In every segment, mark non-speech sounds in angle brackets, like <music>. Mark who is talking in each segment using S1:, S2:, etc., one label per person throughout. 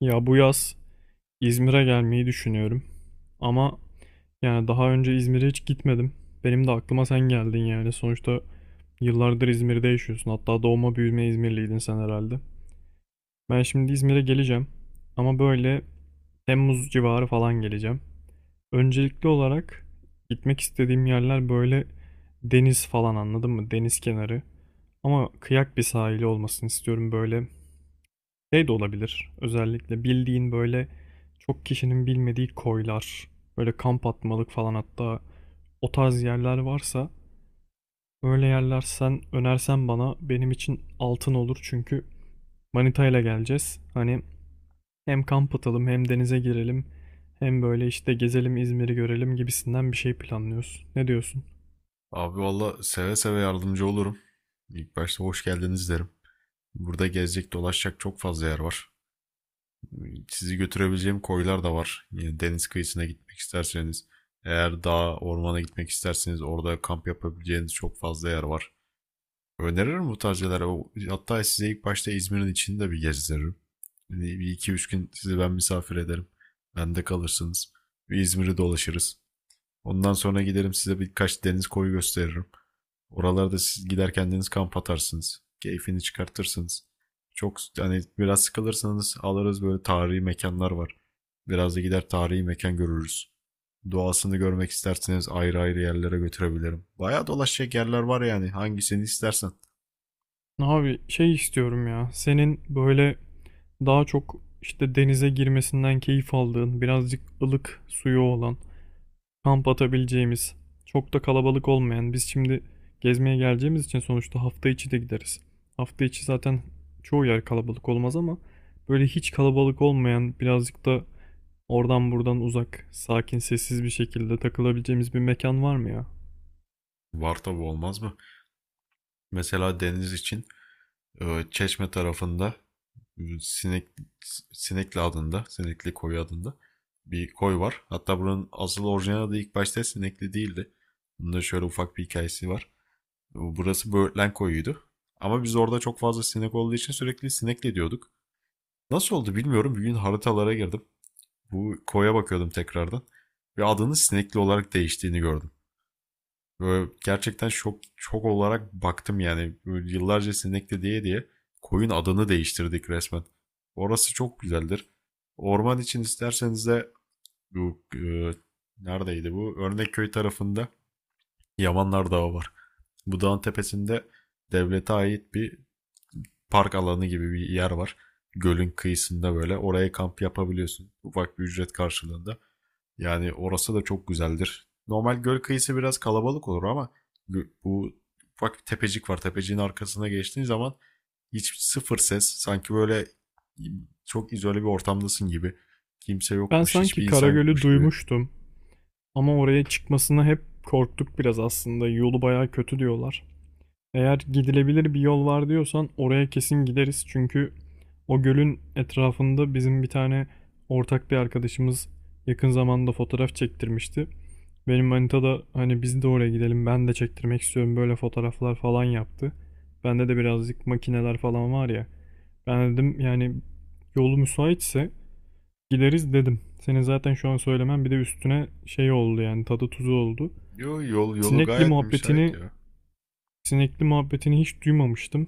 S1: Ya bu yaz İzmir'e gelmeyi düşünüyorum. Ama daha önce İzmir'e hiç gitmedim. Benim de aklıma sen geldin yani. Sonuçta yıllardır İzmir'de yaşıyorsun. Hatta doğma büyüme İzmirliydin sen herhalde. Ben şimdi İzmir'e geleceğim. Ama böyle Temmuz civarı falan geleceğim. Öncelikli olarak gitmek istediğim yerler böyle deniz falan anladın mı? Deniz kenarı. Ama kıyak bir sahili olmasını istiyorum böyle. Şey de olabilir. Özellikle bildiğin böyle çok kişinin bilmediği koylar, böyle kamp atmalık falan, hatta o tarz yerler varsa öyle yerler sen önersen bana benim için altın olur, çünkü manitayla geleceğiz. Hani hem kamp atalım, hem denize girelim, hem böyle işte gezelim İzmir'i görelim gibisinden bir şey planlıyoruz. Ne diyorsun?
S2: Abi valla seve seve yardımcı olurum. İlk başta hoş geldiniz derim. Burada gezecek dolaşacak çok fazla yer var. Sizi götürebileceğim koylar da var. Yani deniz kıyısına gitmek isterseniz, eğer dağa, ormana gitmek isterseniz orada kamp yapabileceğiniz çok fazla yer var. Öneririm bu tarz yerlere. Hatta size ilk başta İzmir'in içini de bir gezdiririm. Yani bir iki üç gün sizi ben misafir ederim. Bende kalırsınız. Bir İzmir'i dolaşırız. Ondan sonra giderim size birkaç deniz koyu gösteririm. Oralarda siz gider kendiniz kamp atarsınız. Keyfini çıkartırsınız. Çok hani biraz sıkılırsanız alırız böyle tarihi mekanlar var. Biraz da gider tarihi mekan görürüz. Doğasını görmek isterseniz ayrı ayrı yerlere götürebilirim. Bayağı dolaşacak yerler var yani hangisini istersen.
S1: Abi şey istiyorum ya. Senin böyle daha çok işte denize girmesinden keyif aldığın, birazcık ılık suyu olan, kamp atabileceğimiz, çok da kalabalık olmayan. Biz şimdi gezmeye geleceğimiz için sonuçta hafta içi de gideriz. Hafta içi zaten çoğu yer kalabalık olmaz, ama böyle hiç kalabalık olmayan, birazcık da oradan buradan uzak, sakin, sessiz bir şekilde takılabileceğimiz bir mekan var mı ya?
S2: Var tabi olmaz mı? Mesela deniz için Çeşme tarafında e, Sinek, Sinekli adında, Sinekli koyu adında bir koy var. Hatta buranın asıl orijinal adı ilk başta Sinekli değildi. Bunda şöyle ufak bir hikayesi var. Burası Böğürtlen koyuydu. Ama biz orada çok fazla sinek olduğu için sürekli sinekli diyorduk. Nasıl oldu bilmiyorum. Bir gün haritalara girdim. Bu koya bakıyordum tekrardan. Ve adının sinekli olarak değiştiğini gördüm. Böyle gerçekten şok şok olarak baktım yani. Böyle yıllarca sinekli diye diye koyun adını değiştirdik resmen. Orası çok güzeldir. Orman için isterseniz de bu neredeydi bu? Örnekköy tarafında Yamanlar Dağı var. Bu dağın tepesinde devlete ait bir park alanı gibi bir yer var. Gölün kıyısında böyle oraya kamp yapabiliyorsun. Ufak bir ücret karşılığında. Yani orası da çok güzeldir. Normal göl kıyısı biraz kalabalık olur ama bu bak bir tepecik var. Tepeciğin arkasına geçtiğin zaman hiç sıfır ses. Sanki böyle çok izole bir ortamdasın gibi. Kimse
S1: Ben
S2: yokmuş,
S1: sanki
S2: hiçbir insan
S1: Karagöl'ü
S2: yokmuş gibi.
S1: duymuştum ama oraya çıkmasına hep korktuk biraz aslında. Yolu bayağı kötü diyorlar. Eğer gidilebilir bir yol var diyorsan oraya kesin gideriz. Çünkü o gölün etrafında bizim bir tane ortak bir arkadaşımız yakın zamanda fotoğraf çektirmişti. Benim manita da hani biz de oraya gidelim, ben de çektirmek istiyorum böyle fotoğraflar falan yaptı. Bende de birazcık makineler falan var ya. Ben dedim yani yolu müsaitse gideriz dedim. Senin zaten şu an söylemen bir de üstüne şey oldu, yani tadı tuzu oldu.
S2: Yo, yol yolu
S1: Sinekli
S2: gayet müsait
S1: muhabbetini
S2: ya.
S1: Sinekli muhabbetini hiç duymamıştım.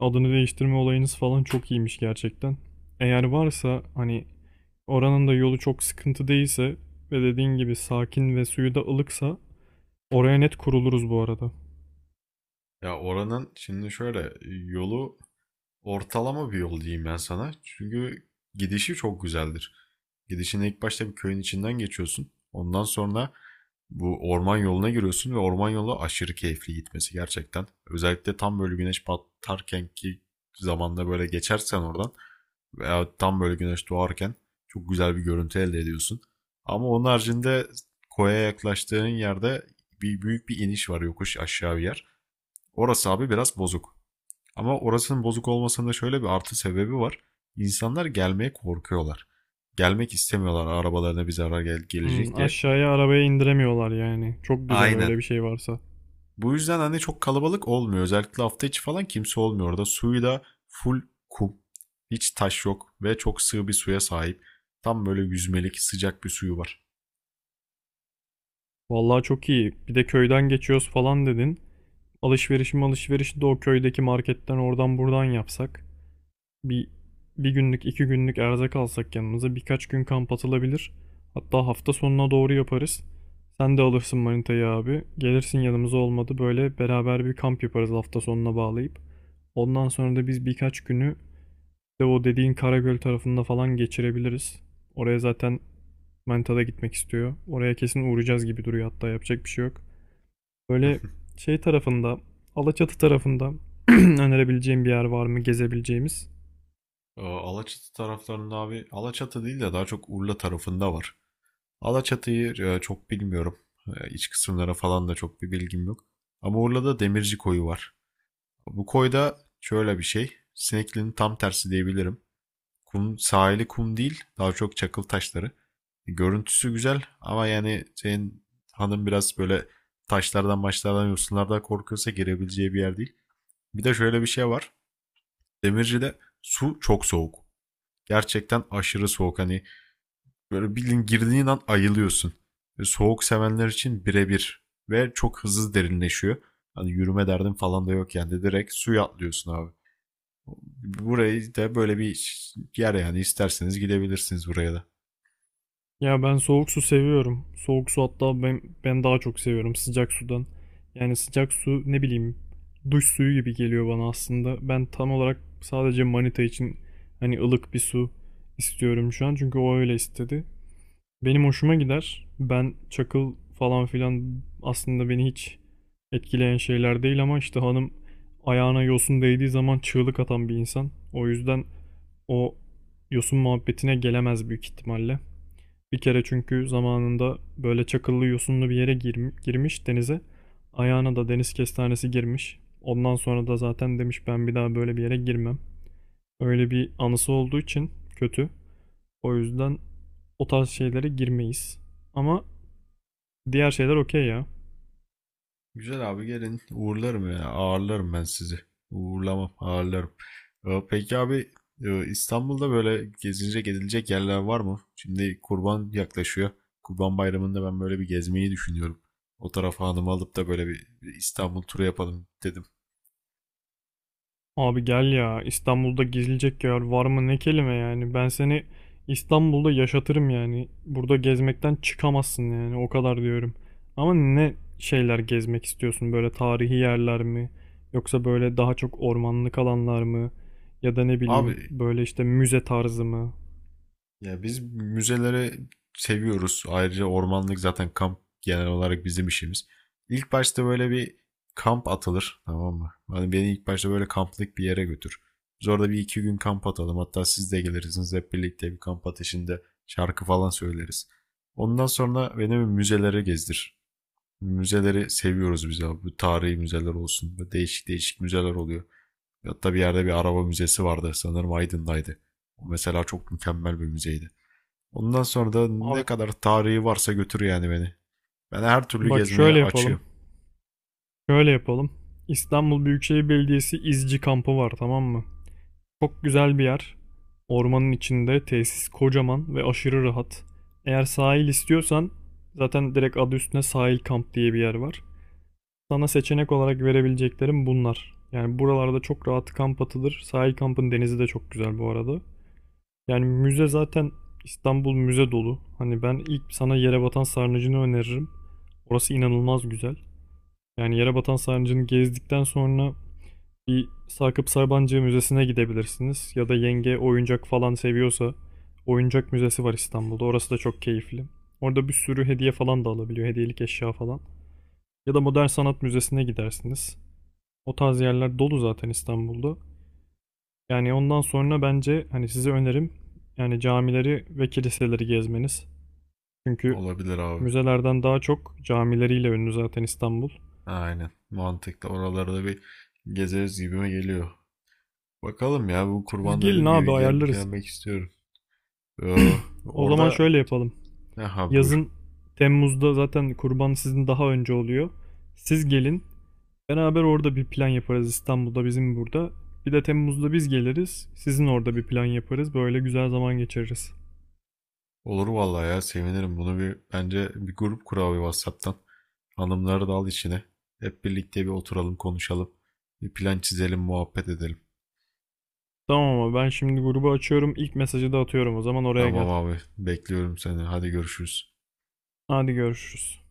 S1: Adını değiştirme olayınız falan çok iyiymiş gerçekten. Eğer varsa hani oranın da yolu çok sıkıntı değilse ve dediğin gibi sakin ve suyu da ılıksa oraya net kuruluruz bu arada.
S2: Ya oranın şimdi şöyle yolu ortalama bir yol diyeyim ben sana. Çünkü gidişi çok güzeldir. Gidişin ilk başta bir köyün içinden geçiyorsun. Ondan sonra bu orman yoluna giriyorsun ve orman yolu aşırı keyifli gitmesi gerçekten. Özellikle tam böyle güneş batarken ki zamanda böyle geçersen oradan veya tam böyle güneş doğarken çok güzel bir görüntü elde ediyorsun. Ama onun haricinde koya yaklaştığın yerde bir büyük bir iniş var yokuş aşağı bir yer. Orası abi biraz bozuk. Ama orasının bozuk olmasında şöyle bir artı sebebi var. İnsanlar gelmeye korkuyorlar. Gelmek istemiyorlar arabalarına bir zarar
S1: Hmm,
S2: gelecek diye.
S1: aşağıya arabaya indiremiyorlar yani. Çok güzel
S2: Aynen.
S1: öyle bir şey varsa.
S2: Bu yüzden hani çok kalabalık olmuyor. Özellikle hafta içi falan kimse olmuyor. Orada suyu da full kum. Hiç taş yok ve çok sığ bir suya sahip. Tam böyle yüzmelik sıcak bir suyu var.
S1: Vallahi çok iyi. Bir de köyden geçiyoruz falan dedin. Alışverişi de o köydeki marketten oradan buradan yapsak. Bir, bir günlük, iki günlük erzak alsak yanımıza birkaç gün kamp atılabilir. Hatta hafta sonuna doğru yaparız. Sen de alırsın manitayı abi. Gelirsin yanımıza, olmadı böyle beraber bir kamp yaparız hafta sonuna bağlayıp. Ondan sonra da biz birkaç günü de o dediğin Karagöl tarafında falan geçirebiliriz. Oraya zaten manita da gitmek istiyor. Oraya kesin uğrayacağız gibi duruyor, hatta yapacak bir şey yok. Böyle şey tarafında, Alaçatı tarafında <clears throat> <laughs> önerebileceğim bir yer var mı gezebileceğimiz?
S2: <laughs> Alaçatı taraflarında abi Alaçatı değil de daha çok Urla tarafında var. Alaçatı'yı çok bilmiyorum. İç kısımlara falan da çok bir bilgim yok. Ama Urla'da Demirci Koyu var. Bu koyda şöyle bir şey. Sinekli'nin tam tersi diyebilirim. Kum, sahili kum değil. Daha çok çakıl taşları. Görüntüsü güzel ama yani senin hanım biraz böyle taşlardan maçlardan yosunlardan korkuyorsa girebileceği bir yer değil. Bir de şöyle bir şey var. Demirci'de su çok soğuk. Gerçekten aşırı soğuk. Hani böyle bildiğin girdiğin an ayılıyorsun. Ve soğuk sevenler için birebir. Ve çok hızlı derinleşiyor. Hani yürüme derdin falan da yok yani. Direkt suya atlıyorsun abi. Burayı da böyle bir yer yani. İsterseniz gidebilirsiniz buraya da.
S1: Ya ben soğuk su seviyorum. Soğuk su hatta ben daha çok seviyorum sıcak sudan. Yani sıcak su ne bileyim, duş suyu gibi geliyor bana aslında. Ben tam olarak sadece manita için hani ılık bir su istiyorum şu an çünkü o öyle istedi. Benim hoşuma gider. Ben çakıl falan filan aslında beni hiç etkileyen şeyler değil, ama işte hanım ayağına yosun değdiği zaman çığlık atan bir insan. O yüzden o yosun muhabbetine gelemez büyük ihtimalle. Bir kere çünkü zamanında böyle çakıllı yosunlu bir yere girmiş denize. Ayağına da deniz kestanesi girmiş. Ondan sonra da zaten demiş ben bir daha böyle bir yere girmem. Öyle bir anısı olduğu için kötü. O yüzden o tarz şeylere girmeyiz. Ama diğer şeyler okey ya.
S2: Güzel abi gelin uğurlarım ya ağırlarım ben sizi. Uğurlamam ağırlarım. Peki abi İstanbul'da böyle gezilecek edilecek yerler var mı? Şimdi kurban yaklaşıyor. Kurban Bayramı'nda ben böyle bir gezmeyi düşünüyorum. O tarafa hanımı alıp da böyle bir İstanbul turu yapalım dedim.
S1: Abi gel ya, İstanbul'da gezilecek yer var mı ne kelime yani, ben seni İstanbul'da yaşatırım yani, burada gezmekten çıkamazsın yani o kadar diyorum. Ama ne şeyler gezmek istiyorsun, böyle tarihi yerler mi, yoksa böyle daha çok ormanlık alanlar mı, ya da ne bileyim
S2: Abi
S1: böyle işte müze tarzı mı?
S2: ya biz müzeleri seviyoruz. Ayrıca ormanlık zaten kamp genel olarak bizim işimiz. İlk başta böyle bir kamp atılır, tamam mı? Hani beni ilk başta böyle kamplık bir yere götür. Biz orada bir iki gün kamp atalım. Hatta siz de gelirsiniz hep birlikte bir kamp ateşinde şarkı falan söyleriz. Ondan sonra beni bir müzelere gezdir. Müzeleri seviyoruz biz abi. Bu tarihi müzeler olsun. Böyle değişik değişik müzeler oluyor. Hatta bir yerde bir araba müzesi vardı. Sanırım Aydın'daydı. O mesela çok mükemmel bir müzeydi. Ondan sonra da
S1: Abi
S2: ne kadar tarihi varsa götür yani beni. Ben her türlü
S1: bak
S2: gezmeye açığım.
S1: şöyle yapalım, İstanbul Büyükşehir Belediyesi İzci kampı var, tamam mı? Çok güzel bir yer. Ormanın içinde tesis kocaman ve aşırı rahat. Eğer sahil istiyorsan zaten direkt adı üstüne sahil kamp diye bir yer var. Sana seçenek olarak verebileceklerim bunlar. Yani buralarda çok rahat kamp atılır. Sahil kampın denizi de çok güzel bu arada. Yani müze zaten, İstanbul müze dolu. Hani ben ilk sana yere batan sarnıcını öneririm. Orası inanılmaz güzel. Yani yere batan sarnıcını gezdikten sonra bir Sakıp Sabancı Müzesi'ne gidebilirsiniz, ya da yenge oyuncak falan seviyorsa oyuncak müzesi var İstanbul'da. Orası da çok keyifli. Orada bir sürü hediye falan da alabiliyor, hediyelik eşya falan. Ya da Modern Sanat Müzesi'ne gidersiniz. O tarz yerler dolu zaten İstanbul'da. Yani ondan sonra bence hani size önerim yani camileri ve kiliseleri gezmeniz. Çünkü
S2: Olabilir abi.
S1: müzelerden daha çok camileriyle ünlü zaten İstanbul.
S2: Aynen. Mantıklı. Oraları da bir gezeriz gibime geliyor. Bakalım ya bu
S1: Siz
S2: kurban
S1: gelin
S2: dediğim
S1: abi,
S2: gibi
S1: ayarlarız.
S2: gelmek istiyorum. Ee,
S1: O zaman
S2: Orada
S1: şöyle yapalım.
S2: ha buyur.
S1: Yazın Temmuz'da zaten kurban sizin daha önce oluyor. Siz gelin. Beraber orada bir plan yaparız İstanbul'da bizim burada. Bir de Temmuz'da biz geliriz. Sizin orada bir plan yaparız. Böyle güzel zaman geçiririz.
S2: Olur vallahi ya sevinirim. Bunu bir bence bir grup kur abi WhatsApp'tan. Hanımları da al içine. Hep birlikte bir oturalım konuşalım. Bir plan çizelim muhabbet edelim.
S1: Tamam, ama ben şimdi grubu açıyorum. İlk mesajı da atıyorum, o zaman oraya gel.
S2: Tamam abi bekliyorum seni. Hadi görüşürüz.
S1: Hadi görüşürüz.